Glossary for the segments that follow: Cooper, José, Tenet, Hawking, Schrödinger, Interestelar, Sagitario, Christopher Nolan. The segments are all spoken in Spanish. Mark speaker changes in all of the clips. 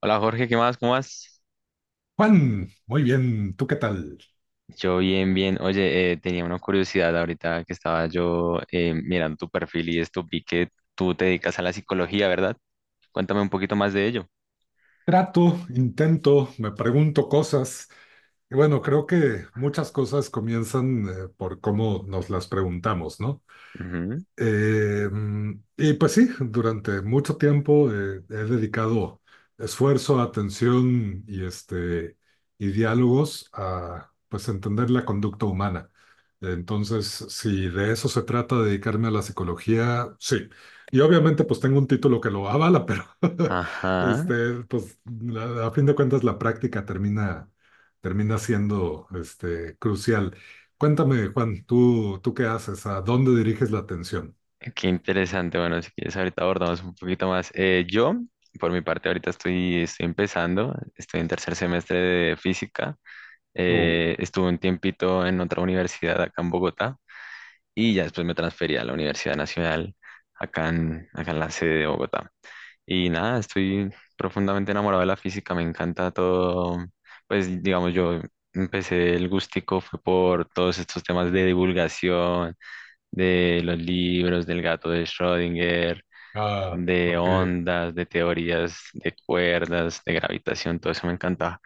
Speaker 1: Hola Jorge, ¿qué más? ¿Cómo vas?
Speaker 2: Juan, muy bien, ¿tú qué tal?
Speaker 1: Yo bien, bien. Oye, tenía una curiosidad ahorita que estaba yo mirando tu perfil y esto, vi que tú te dedicas a la psicología, ¿verdad? Cuéntame un poquito más de ello.
Speaker 2: Trato, intento, me pregunto cosas. Y bueno, creo que muchas cosas comienzan por cómo nos las preguntamos, ¿no?
Speaker 1: Ujú.
Speaker 2: Y pues sí, durante mucho tiempo he dedicado esfuerzo, atención y, y diálogos a pues entender la conducta humana. Entonces, si de eso se trata, dedicarme a la psicología, sí. Y obviamente pues tengo un título que lo avala, pero
Speaker 1: Ajá,
Speaker 2: este, pues a fin de cuentas la práctica termina, termina siendo este, crucial. Cuéntame, Juan, ¿tú qué haces? ¿A dónde diriges la atención?
Speaker 1: qué interesante. Bueno, si quieres ahorita abordamos un poquito más. Yo, por mi parte, ahorita estoy empezando, estoy en tercer semestre de física.
Speaker 2: Uh,
Speaker 1: Estuve un tiempito en otra universidad acá en Bogotá, y ya después me transferí a la Universidad Nacional acá en la sede de Bogotá. Y nada, estoy profundamente enamorado de la física, me encanta todo. Pues digamos, yo empecé el gustico fue por todos estos temas de divulgación, de los libros, del gato de Schrödinger,
Speaker 2: ah,
Speaker 1: de
Speaker 2: ok.
Speaker 1: ondas, de teorías, de cuerdas, de gravitación, todo eso me encantaba.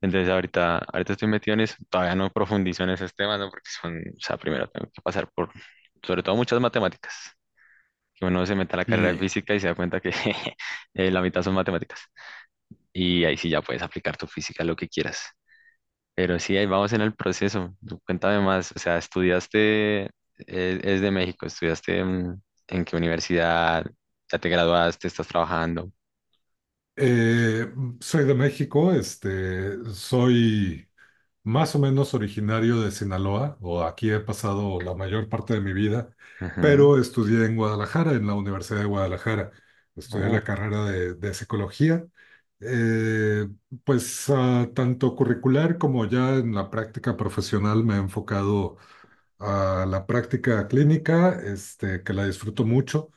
Speaker 1: Entonces ahorita estoy metido en eso, todavía no profundizo en esos temas, ¿no? Porque son, o sea, primero tengo que pasar por, sobre todo, muchas matemáticas, que uno se meta a la carrera de
Speaker 2: Y
Speaker 1: física y se da cuenta que la mitad son matemáticas. Y ahí sí ya puedes aplicar tu física a lo que quieras. Pero sí, ahí vamos en el proceso. Tú, cuéntame más, o sea, estudiaste, es, de México, estudiaste, en, qué universidad, ya te graduaste, estás trabajando.
Speaker 2: eh, Soy de México, este, soy más o menos originario de Sinaloa, o aquí he pasado la mayor parte de mi vida,
Speaker 1: Ujú.
Speaker 2: pero estudié en Guadalajara, en la Universidad de Guadalajara. Estudié
Speaker 1: Uh,
Speaker 2: la carrera de psicología, eh, pues ah, tanto curricular como ya en la práctica profesional me he enfocado a la práctica clínica, este, que la disfruto mucho.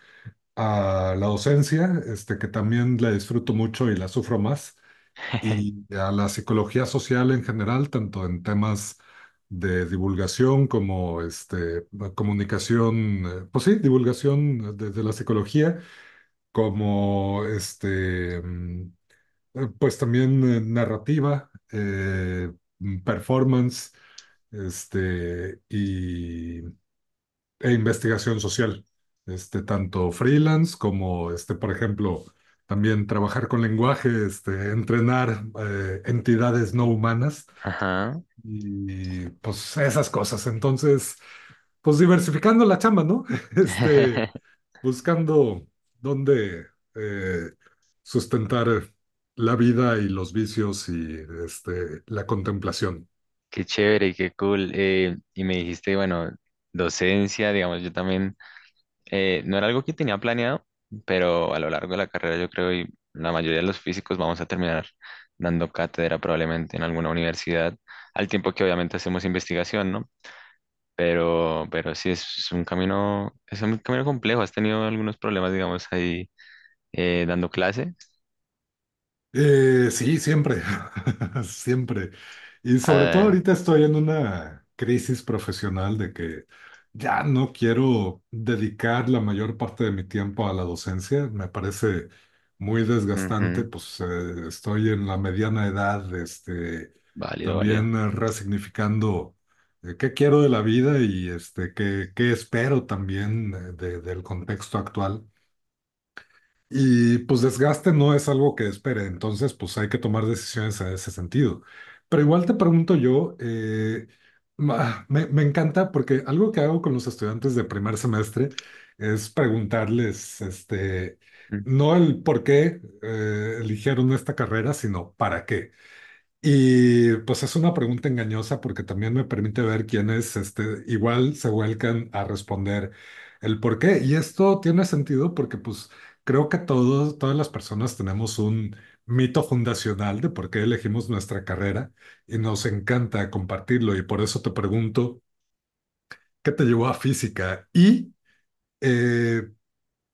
Speaker 2: A la docencia, este, que también la disfruto mucho y la sufro más, y a la psicología social en general, tanto en temas de divulgación como este, comunicación, pues sí, divulgación de la psicología, como pues también narrativa, performance, este, y e investigación social, este, tanto freelance como, este, por ejemplo, también trabajar con lenguaje, este, entrenar entidades no humanas
Speaker 1: Ajá.
Speaker 2: y pues esas cosas. Entonces, pues diversificando la chamba, ¿no? Este, buscando dónde eh, sustentar la vida y los vicios y este, la contemplación.
Speaker 1: Qué chévere, y qué cool. Y me dijiste, bueno, docencia, digamos, yo también. No era algo que tenía planeado, pero a lo largo de la carrera yo creo y la mayoría de los físicos vamos a terminar dando cátedra probablemente en alguna universidad, al tiempo que obviamente hacemos investigación, ¿no? Pero sí es un camino complejo. ¿Has tenido algunos problemas, digamos, ahí dando clase?
Speaker 2: Sí, siempre, siempre. Y sobre todo
Speaker 1: Ah,
Speaker 2: ahorita estoy en una crisis profesional de que ya no quiero dedicar la mayor parte de mi tiempo a la docencia. Me parece muy desgastante,
Speaker 1: ujú,
Speaker 2: pues estoy en la mediana edad, este,
Speaker 1: válido, válido.
Speaker 2: también resignificando qué quiero de la vida y este, qué espero también del contexto actual. Y pues desgaste no es algo que espere, entonces pues hay que tomar decisiones en ese sentido. Pero igual te pregunto yo, me encanta porque algo que hago con los estudiantes de primer semestre es preguntarles, este, no el por qué eligieron esta carrera, sino para qué. Y pues es una pregunta engañosa porque también me permite ver quiénes este, igual se vuelcan a responder el por qué. Y esto tiene sentido porque pues creo que todos, todas las personas tenemos un mito fundacional de por qué elegimos nuestra carrera y nos encanta compartirlo. Y por eso te pregunto, ¿qué te llevó a física? Y eh,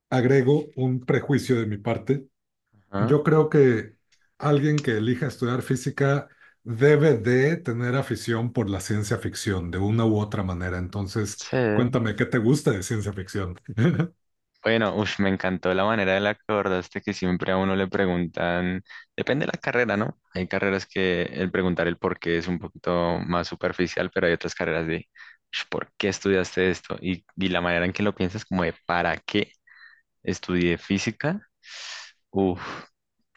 Speaker 2: agrego un prejuicio de mi parte.
Speaker 1: Ujú,
Speaker 2: Yo creo que alguien que elija estudiar física debe de tener afición por la ciencia ficción de una u otra manera. Entonces,
Speaker 1: sí.
Speaker 2: cuéntame, ¿qué te gusta de ciencia ficción?
Speaker 1: Bueno, uf, me encantó la manera de la que abordaste, que siempre a uno le preguntan, depende de la carrera, ¿no? Hay carreras que el preguntar el por qué es un poquito más superficial, pero hay otras carreras de "Ush, ¿por qué estudiaste esto?" Y la manera en que lo piensas como de ¿para qué estudié física? Uf,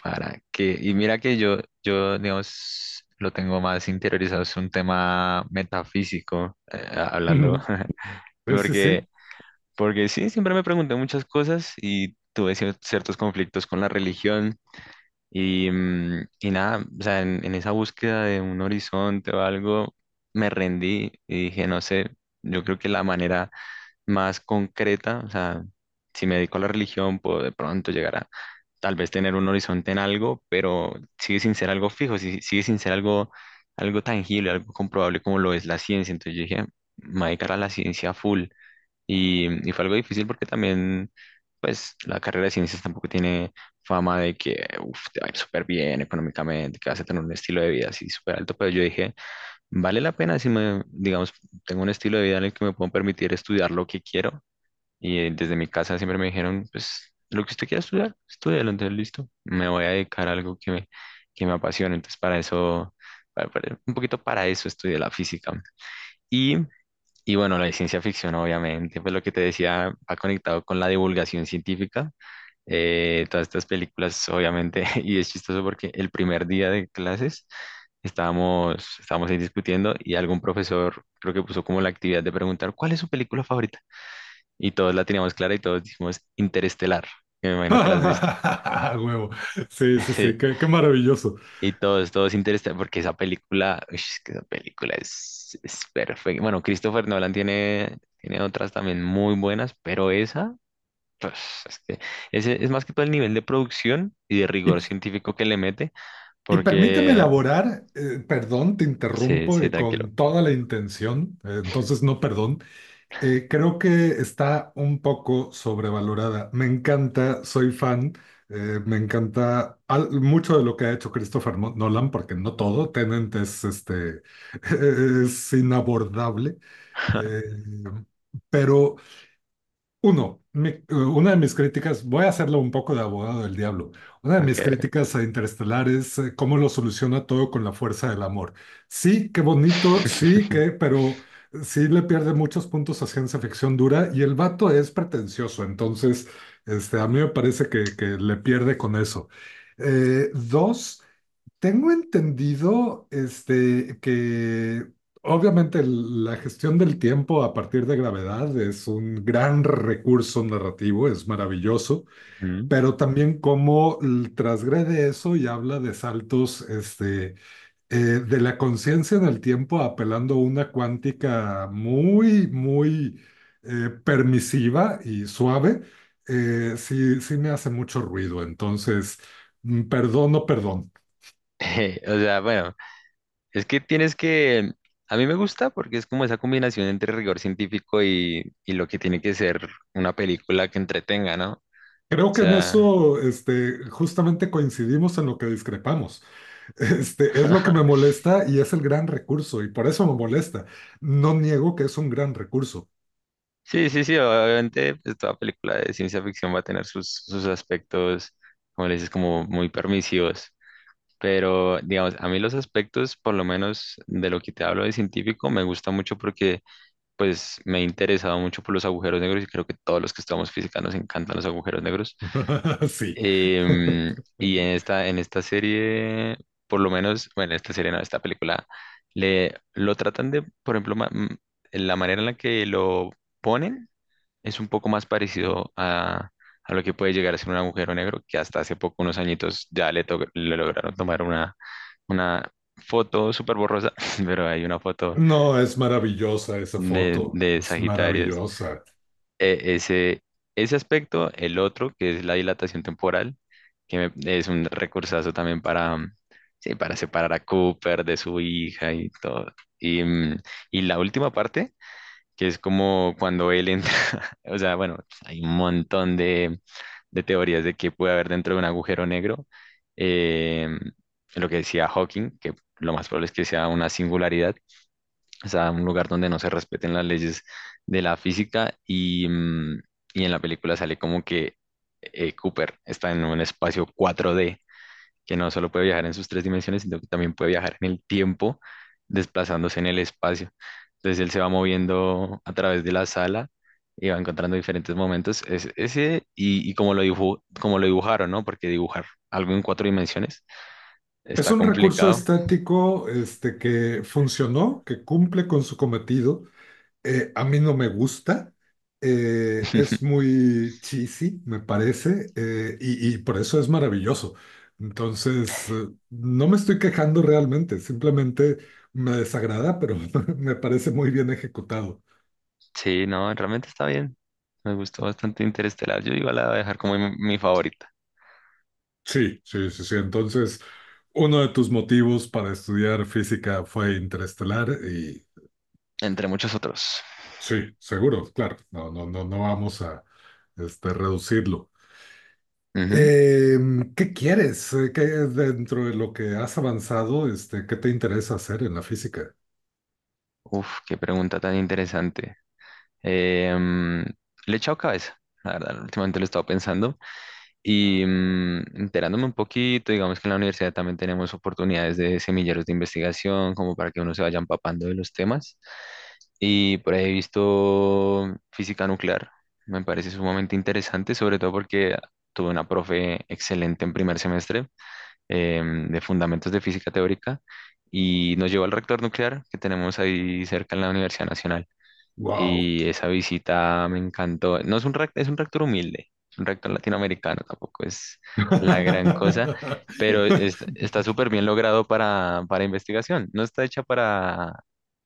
Speaker 1: ¿para qué? Y mira que yo, digamos, lo tengo más interiorizado, es un tema metafísico, hablando,
Speaker 2: Ujú. Sí, sí, sí.
Speaker 1: porque. Porque sí, siempre me pregunté muchas cosas y tuve ciertos conflictos con la religión y nada, o sea, en esa búsqueda de un horizonte o algo, me rendí y dije, no sé, yo creo que la manera más concreta, o sea, si me dedico a la religión, puedo de pronto llegar a tal vez tener un horizonte en algo, pero sigue sin ser algo fijo, sigue sin ser algo, algo tangible, algo comprobable como lo es la ciencia. Entonces yo dije, me voy a dedicar a la ciencia full. Y fue algo difícil porque también, pues, la carrera de ciencias tampoco tiene fama de que, uf, te va a ir súper bien económicamente, que vas a tener un estilo de vida así súper alto, pero yo dije, vale la pena si me, digamos, tengo un estilo de vida en el que me puedo permitir estudiar lo que quiero. Y desde mi casa siempre me dijeron, pues, lo que usted quiera estudiar, estudialo, entonces listo, me voy a dedicar a algo que me apasione. Entonces, para eso, un poquito para eso estudié la física. Y y bueno, la de ciencia ficción, obviamente, pues lo que te decía, ha conectado con la divulgación científica. Todas estas películas, obviamente. Y es chistoso porque el primer día de clases estábamos ahí discutiendo y algún profesor creo que puso como la actividad de preguntar, ¿cuál es su película favorita? Y todos la teníamos clara y todos dijimos Interestelar, que me imagino que la has visto.
Speaker 2: A huevo. Sí, sí, sí, qué, qué maravilloso.
Speaker 1: Y todo es interesante porque esa película, uy, es que esa película es perfecta. Bueno, Christopher Nolan tiene otras también muy buenas, pero esa, pues es que ese es más que todo el nivel de producción y de
Speaker 2: Y,
Speaker 1: rigor científico que le mete,
Speaker 2: y permíteme
Speaker 1: porque
Speaker 2: elaborar, perdón, te
Speaker 1: sí,
Speaker 2: interrumpo
Speaker 1: sí,
Speaker 2: y
Speaker 1: tranquilo.
Speaker 2: con toda la intención, entonces no, perdón. Creo que está un poco sobrevalorada. Me encanta, soy fan, me encanta mucho de lo que ha hecho Christopher Nolan, porque no todo, Tenet es, este, es inabordable, eh, pero uno, una de mis críticas, voy a hacerlo un poco de abogado del diablo, una de mis
Speaker 1: Ok.
Speaker 2: críticas a Interestelar es cómo lo soluciona todo con la fuerza del amor. Sí, qué bonito, sí, que, pero sí le pierde muchos puntos a ciencia ficción dura y el vato es pretencioso, entonces este, a mí me parece que le pierde con eso. Dos, tengo entendido, este, que obviamente la gestión del tiempo a partir de gravedad es un gran recurso narrativo, es maravilloso,
Speaker 1: Ujú.
Speaker 2: pero también cómo transgrede eso y habla de saltos, este, de la conciencia en el tiempo apelando a una cuántica muy, muy permisiva y suave, sí, sí me hace mucho ruido. Entonces, perdón, no perdón.
Speaker 1: O sea, bueno, es que tienes que, a mí me gusta porque es como esa combinación entre rigor científico y lo que tiene que ser una película que entretenga, ¿no? O
Speaker 2: Creo que en
Speaker 1: sea.
Speaker 2: eso, este, justamente coincidimos en lo que discrepamos. Este, es lo que me molesta y es el gran recurso, y por eso me molesta. No niego que es un gran recurso.
Speaker 1: Sí, sí, sí, obviamente, pues toda película de ciencia ficción va a tener sus, aspectos, como le dices, como muy permisivos. Pero, digamos, a mí los aspectos, por lo menos de lo que te hablo de científico, me gusta mucho porque, pues, me he interesado mucho por los agujeros negros y creo que todos los que estamos física nos encantan los agujeros negros.
Speaker 2: Sí.
Speaker 1: Em, y en esta serie, por lo menos, bueno, esta serie no, esta película, lo tratan de, por ejemplo, la manera en la que lo ponen es un poco más parecido a lo que puede llegar a ser un agujero negro, que hasta hace poco, unos añitos, ya le lograron tomar una foto súper borrosa, pero hay una foto
Speaker 2: No, es maravillosa esa
Speaker 1: de,
Speaker 2: foto,
Speaker 1: de
Speaker 2: es
Speaker 1: Sagitarios.
Speaker 2: maravillosa.
Speaker 1: E- ese, ese aspecto, el otro, que es la dilatación temporal, es un recursazo también para, sí, para separar a Cooper de su hija y todo. Y, mm, y la última parte, que es como cuando él entra, o sea, bueno, hay un montón de teorías de qué puede haber dentro de un agujero negro. eh, lo que decía Hawking, que lo más probable es que sea una singularidad, o sea, un lugar donde no se respeten las leyes de la física. Y en la película sale como que Cooper está en un espacio cuatro d, que no solo puede viajar en sus tres dimensiones, sino que también puede viajar en el tiempo, desplazándose en el espacio. Entonces él se va moviendo a través de la sala y va encontrando diferentes momentos. Y como lo dibujaron, ¿no? Porque dibujar algo en cuatro dimensiones
Speaker 2: Es
Speaker 1: está
Speaker 2: un recurso
Speaker 1: complicado.
Speaker 2: estético, este, que funcionó, que cumple con su cometido, a mí no me gusta, es muy cheesy, me parece, y por eso es maravilloso. Entonces, no me estoy quejando realmente, simplemente me desagrada, pero me parece muy bien ejecutado.
Speaker 1: Sí, no, realmente está bien. Me gustó bastante Interestelar. Yo igual la voy a dejar como mi, favorita,
Speaker 2: Sí, sí, sí, sí. Entonces, uno de tus motivos para estudiar física fue Interestelar y
Speaker 1: entre muchos otros.
Speaker 2: sí, seguro, claro, no, no, no, no vamos a este, reducirlo.
Speaker 1: Ujú.
Speaker 2: Eh, ¿Qué quieres? ¿Qué, dentro de lo que has avanzado, este, qué te interesa hacer en la física?
Speaker 1: Uf, qué pregunta tan interesante. Em, le he echado cabeza, la verdad, últimamente lo he estado pensando y, enterándome un poquito, digamos que en la universidad también tenemos oportunidades de semilleros de investigación, como para que uno se vaya empapando de los temas. Y por ahí he visto física nuclear, me parece sumamente interesante, sobre todo porque tuve una profe excelente en primer semestre, de fundamentos de física teórica, y nos llevó al reactor nuclear que tenemos ahí cerca en la Universidad Nacional.
Speaker 2: Wow.
Speaker 1: Y esa visita me encantó. No es un reactor, es un reactor humilde, es un reactor latinoamericano, tampoco es la gran cosa, pero está súper bien logrado para, investigación. No está hecha para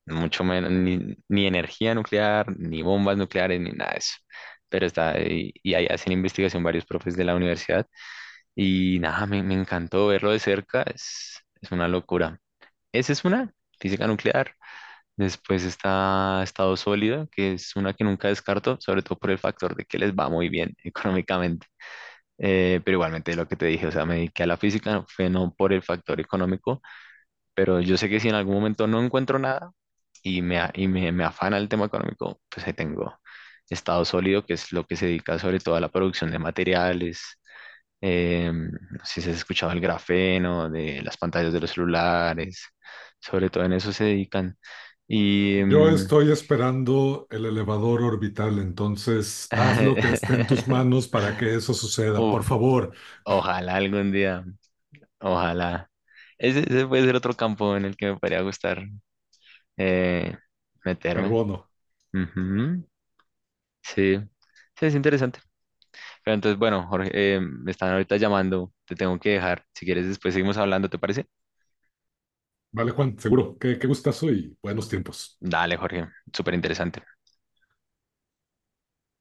Speaker 1: mucho menos, ni energía nuclear, ni bombas nucleares, ni nada de eso. Pero está, y, ahí hacen investigación varios profes de la universidad. Y nada, me, encantó verlo de cerca, es una locura. Esa es física nuclear. Después está Estado Sólido, que es una que nunca descarto, sobre todo por el factor de que les va muy bien económicamente. Pero igualmente lo que te dije, o sea, me dediqué a la física, no fue no por el factor económico, pero yo sé que si en algún momento no encuentro nada y me afana el tema económico, pues ahí tengo Estado Sólido, que es lo que se dedica sobre todo a la producción de materiales. No sé si has escuchado el grafeno, de las pantallas de los celulares, sobre todo en eso se dedican. Y,
Speaker 2: Yo estoy esperando el elevador orbital, entonces haz lo que esté en tus manos para que eso suceda.
Speaker 1: uf,
Speaker 2: Por favor,
Speaker 1: ojalá algún día, ojalá. Ese puede ser otro campo en el que me podría gustar eh, meterme.
Speaker 2: carbono.
Speaker 1: Ujú. Sí, sí, es interesante. Pero entonces, bueno, Jorge, me están ahorita llamando, te tengo que dejar. Si quieres, después seguimos hablando, ¿te parece?
Speaker 2: Vale, Juan, seguro. Qué, qué gustazo y buenos tiempos.
Speaker 1: Dale, Jorge, súper interesante.